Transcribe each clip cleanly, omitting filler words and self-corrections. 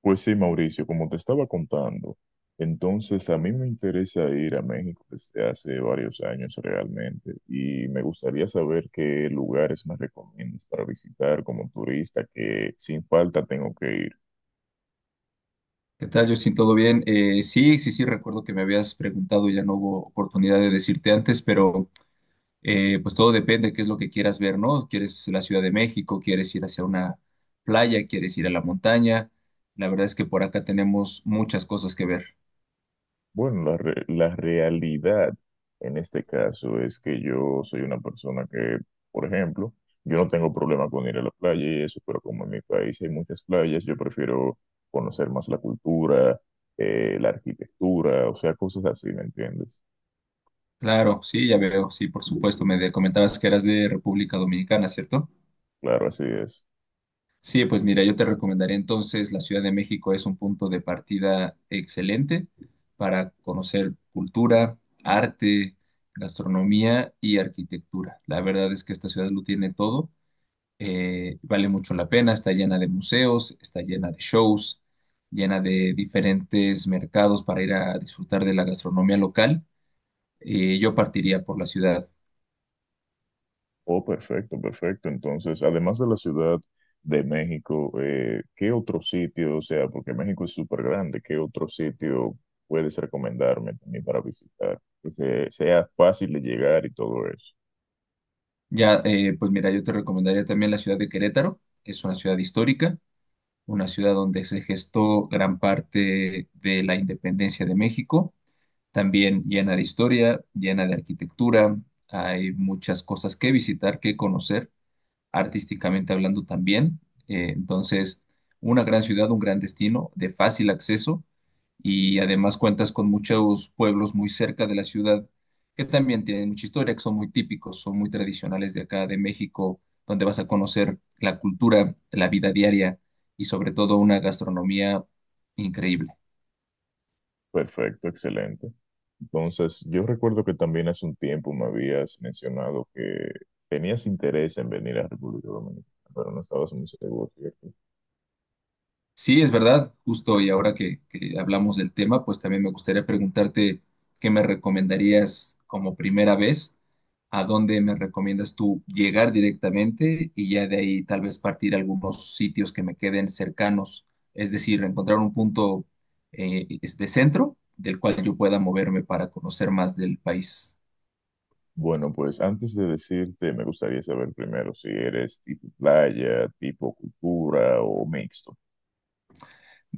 Pues sí, Mauricio, como te estaba contando, entonces a mí me interesa ir a México desde hace varios años realmente y me gustaría saber qué lugares me recomiendas para visitar como turista que sin falta tengo que ir. ¿Qué tal, Justin? ¿Todo bien? Sí, recuerdo que me habías preguntado, ya no hubo oportunidad de decirte antes, pero pues todo depende de qué es lo que quieras ver, ¿no? ¿Quieres la Ciudad de México? ¿Quieres ir hacia una playa? ¿Quieres ir a la montaña? La verdad es que por acá tenemos muchas cosas que ver. Bueno, la realidad en este caso es que yo soy una persona que, por ejemplo, yo no tengo problema con ir a la playa y eso, pero como en mi país hay muchas playas, yo prefiero conocer más la cultura, la arquitectura, o sea, cosas así, ¿me entiendes? Claro, sí, ya veo, sí, por supuesto. Comentabas que eras de República Dominicana, ¿cierto? Claro, así es. Sí, pues mira, yo te recomendaría entonces la Ciudad de México es un punto de partida excelente para conocer cultura, arte, gastronomía y arquitectura. La verdad es que esta ciudad lo tiene todo, vale mucho la pena, está llena de museos, está llena de shows, llena de diferentes mercados para ir a disfrutar de la gastronomía local. Yo partiría por la ciudad. Oh, perfecto, perfecto. Entonces, además de la Ciudad de México, ¿qué otro sitio, o sea, porque México es súper grande, qué otro sitio puedes recomendarme también para visitar? Que sea fácil de llegar y todo eso. Ya, pues mira, yo te recomendaría también la ciudad de Querétaro, es una ciudad histórica, una ciudad donde se gestó gran parte de la independencia de México, también llena de historia, llena de arquitectura, hay muchas cosas que visitar, que conocer artísticamente hablando también. Entonces, una gran ciudad, un gran destino de fácil acceso y además cuentas con muchos pueblos muy cerca de la ciudad que también tienen mucha historia, que son muy típicos, son muy tradicionales de acá, de México, donde vas a conocer la cultura, la vida diaria y sobre todo una gastronomía increíble. Perfecto, excelente. Entonces, yo recuerdo que también hace un tiempo me habías mencionado que tenías interés en venir a República Dominicana, pero no estabas muy seguro, ¿cierto? Sí, es verdad, justo y ahora que hablamos del tema, pues también me gustaría preguntarte qué me recomendarías como primera vez, a dónde me recomiendas tú llegar directamente y ya de ahí tal vez partir a algunos sitios que me queden cercanos, es decir, encontrar un punto es de centro del cual yo pueda moverme para conocer más del país. Bueno, pues antes de decirte, me gustaría saber primero si eres tipo playa, tipo cultura o mixto.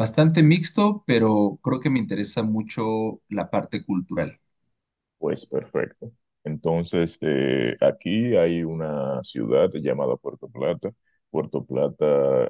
Bastante mixto, pero creo que me interesa mucho la parte cultural. Pues perfecto. Entonces, aquí hay una ciudad llamada Puerto Plata. Puerto Plata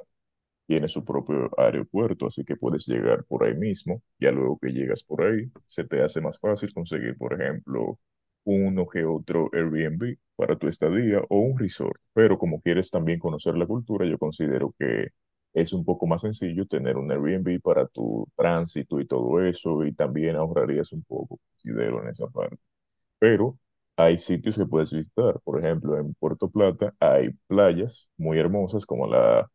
tiene su propio aeropuerto, así que puedes llegar por ahí mismo. Ya luego que llegas por ahí, se te hace más fácil conseguir, por ejemplo, uno que otro Airbnb para tu estadía o un resort. Pero como quieres también conocer la cultura, yo considero que es un poco más sencillo tener un Airbnb para tu tránsito y todo eso, y también ahorrarías un poco, considero, en esa parte, pero hay sitios que puedes visitar. Por ejemplo, en Puerto Plata hay playas muy hermosas como la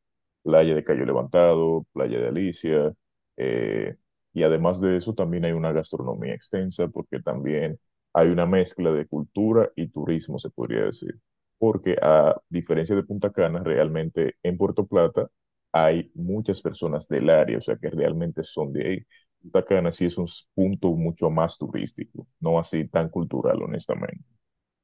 playa de Cayo Levantado, playa de Alicia, eh, y además de eso también hay una gastronomía extensa porque también hay una mezcla de cultura y turismo, se podría decir. Porque a diferencia de Punta Cana, realmente en Puerto Plata hay muchas personas del área, o sea que realmente son de ahí. Punta Cana sí es un punto mucho más turístico, no así tan cultural, honestamente.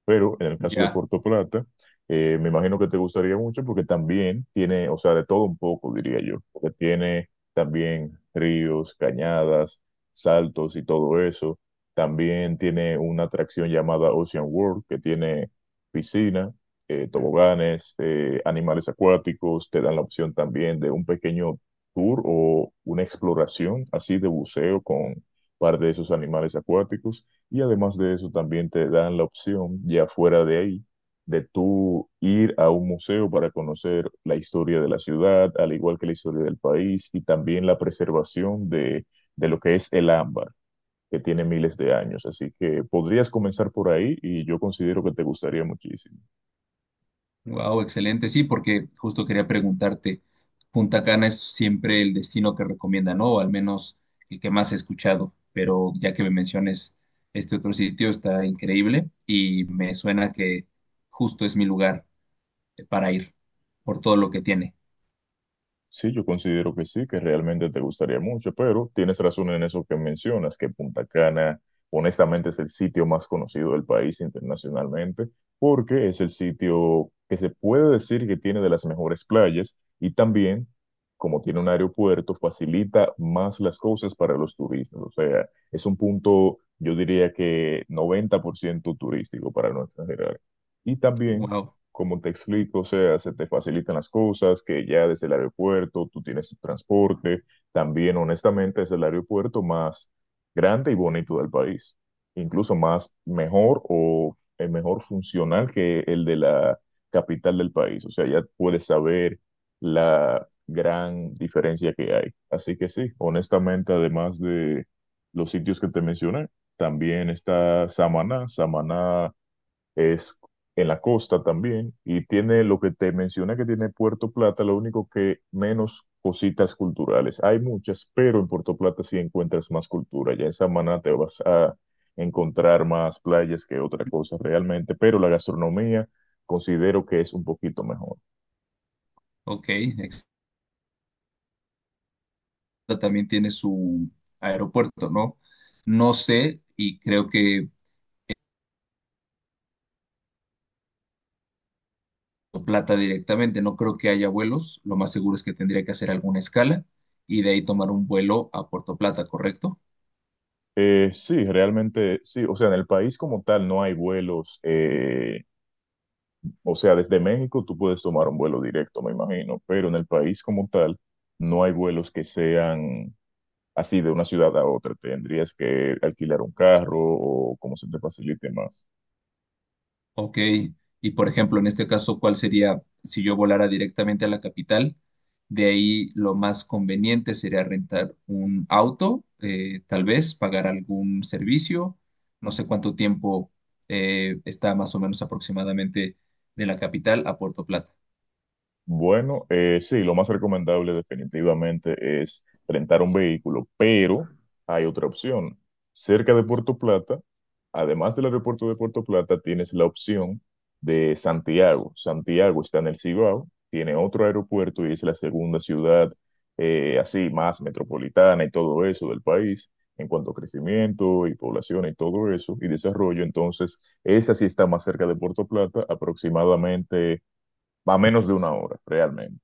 Pero en el caso de Ya. Puerto Plata, me imagino que te gustaría mucho porque también tiene, o sea, de todo un poco, diría yo, porque tiene también ríos, cañadas, saltos y todo eso. También tiene una atracción llamada Ocean World, que tiene piscina, toboganes, animales acuáticos. Te dan la opción también de un pequeño tour o una exploración así de buceo con un par de esos animales acuáticos. Y además de eso, también te dan la opción, ya fuera de ahí, de tú ir a un museo para conocer la historia de la ciudad, al igual que la historia del país, y también la preservación de lo que es el ámbar, que tiene miles de años. Así que podrías comenzar por ahí y yo considero que te gustaría muchísimo. Wow, excelente. Sí, porque justo quería preguntarte, Punta Cana es siempre el destino que recomienda, ¿no? O al menos el que más he escuchado, pero ya que me menciones este otro sitio, está increíble y me suena que justo es mi lugar para ir por todo lo que tiene. Sí, yo considero que sí, que realmente te gustaría mucho, pero tienes razón en eso que mencionas, que Punta Cana honestamente es el sitio más conocido del país internacionalmente, porque es el sitio que se puede decir que tiene de las mejores playas y también, como tiene un aeropuerto, facilita más las cosas para los turistas. O sea, es un punto, yo diría que 90% turístico para no exagerar. Y también Wow, como te explico, o sea, se te facilitan las cosas, que ya desde el aeropuerto tú tienes tu transporte, también honestamente es el aeropuerto más grande y bonito del país, incluso más mejor o mejor funcional que el de la capital del país, o sea, ya puedes saber la gran diferencia que hay. Así que sí, honestamente, además de los sitios que te mencioné, también está Samaná. Samaná es en la costa también, y tiene lo que te mencioné que tiene Puerto Plata, lo único que menos cositas culturales. Hay muchas, pero en Puerto Plata sí encuentras más cultura. Ya en Samaná te vas a encontrar más playas que otra cosa realmente, pero la gastronomía considero que es un poquito mejor. ok. También tiene su aeropuerto, ¿no? No sé y creo que plata directamente. No creo que haya vuelos. Lo más seguro es que tendría que hacer alguna escala y de ahí tomar un vuelo a Puerto Plata, ¿correcto? Sí, realmente sí. O sea, en el país como tal no hay vuelos. O sea, desde México tú puedes tomar un vuelo directo, me imagino, pero en el país como tal no hay vuelos que sean así de una ciudad a otra. ¿Tendrías que alquilar un carro o cómo se te facilite más? Ok. Y por ejemplo, en este caso, ¿cuál sería si yo volara directamente a la capital? De ahí lo más conveniente sería rentar un auto, tal vez pagar algún servicio. No sé cuánto tiempo está más o menos aproximadamente de la capital a Puerto Plata. Bueno, sí, lo más recomendable definitivamente es rentar un vehículo, pero hay otra opción. Cerca de Puerto Plata, además del aeropuerto de Puerto Plata, tienes la opción de Santiago. Santiago está en el Cibao, tiene otro aeropuerto y es la segunda ciudad así más metropolitana y todo eso del país en cuanto a crecimiento y población y todo eso y desarrollo. Entonces, esa sí está más cerca de Puerto Plata, aproximadamente. Va menos de una hora, realmente.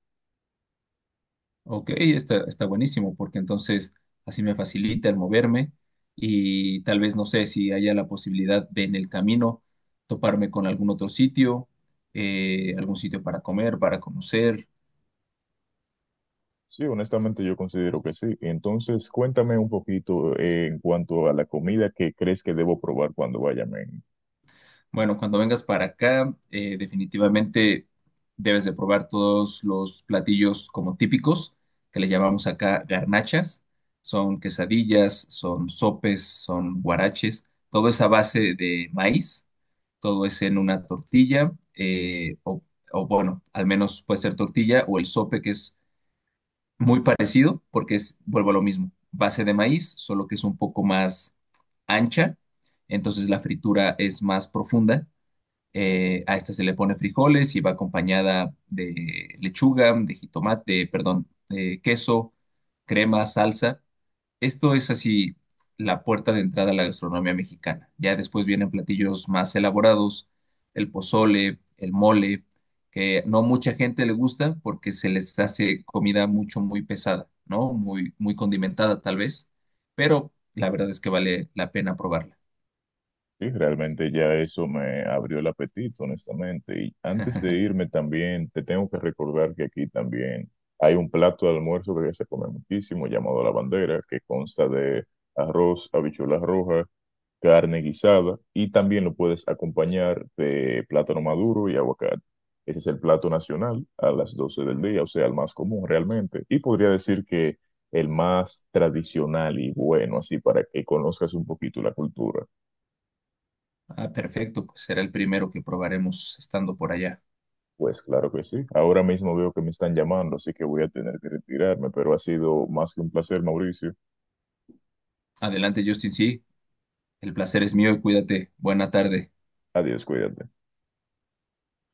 Ok, está buenísimo, porque entonces así me facilita el moverme y tal vez no sé si haya la posibilidad de en el camino toparme con algún otro sitio, algún sitio para comer, para conocer. Sí, honestamente yo considero que sí. Entonces, cuéntame un poquito, en cuanto a la comida que crees que debo probar cuando vaya a México. Bueno, cuando vengas para acá, definitivamente debes de probar todos los platillos como típicos, que le llamamos acá garnachas. Son quesadillas, son sopes, son guaraches. Todo es a base de maíz, todo es en una tortilla, o bueno, al menos puede ser tortilla o el sope, que es muy parecido, porque es, vuelvo a lo mismo, base de maíz, solo que es un poco más ancha, entonces la fritura es más profunda. A esta se le pone frijoles y va acompañada de lechuga, de jitomate, perdón, de queso, crema, salsa. Esto es así la puerta de entrada a la gastronomía mexicana. Ya después vienen platillos más elaborados, el pozole, el mole, que no mucha gente le gusta porque se les hace comida mucho, muy pesada, ¿no? Muy, muy condimentada tal vez, pero la verdad es que vale la pena probarla. Sí, realmente ya eso me abrió el apetito, honestamente. Y antes de irme también, te tengo que recordar que aquí también hay un plato de almuerzo que se come muchísimo, llamado la bandera, que consta de arroz, habichuelas rojas, carne guisada y también lo puedes acompañar de plátano maduro y aguacate. Ese es el plato nacional a las 12 del día, o sea, el más común realmente. Y podría decir que el más tradicional y bueno, así para que conozcas un poquito la cultura. Ah, perfecto, pues será el primero que probaremos estando por allá. Pues claro que sí. Ahora mismo veo que me están llamando, así que voy a tener que retirarme, pero ha sido más que un placer, Mauricio. Adelante, Justin, sí. El placer es mío y cuídate. Buena tarde. Adiós, cuídate.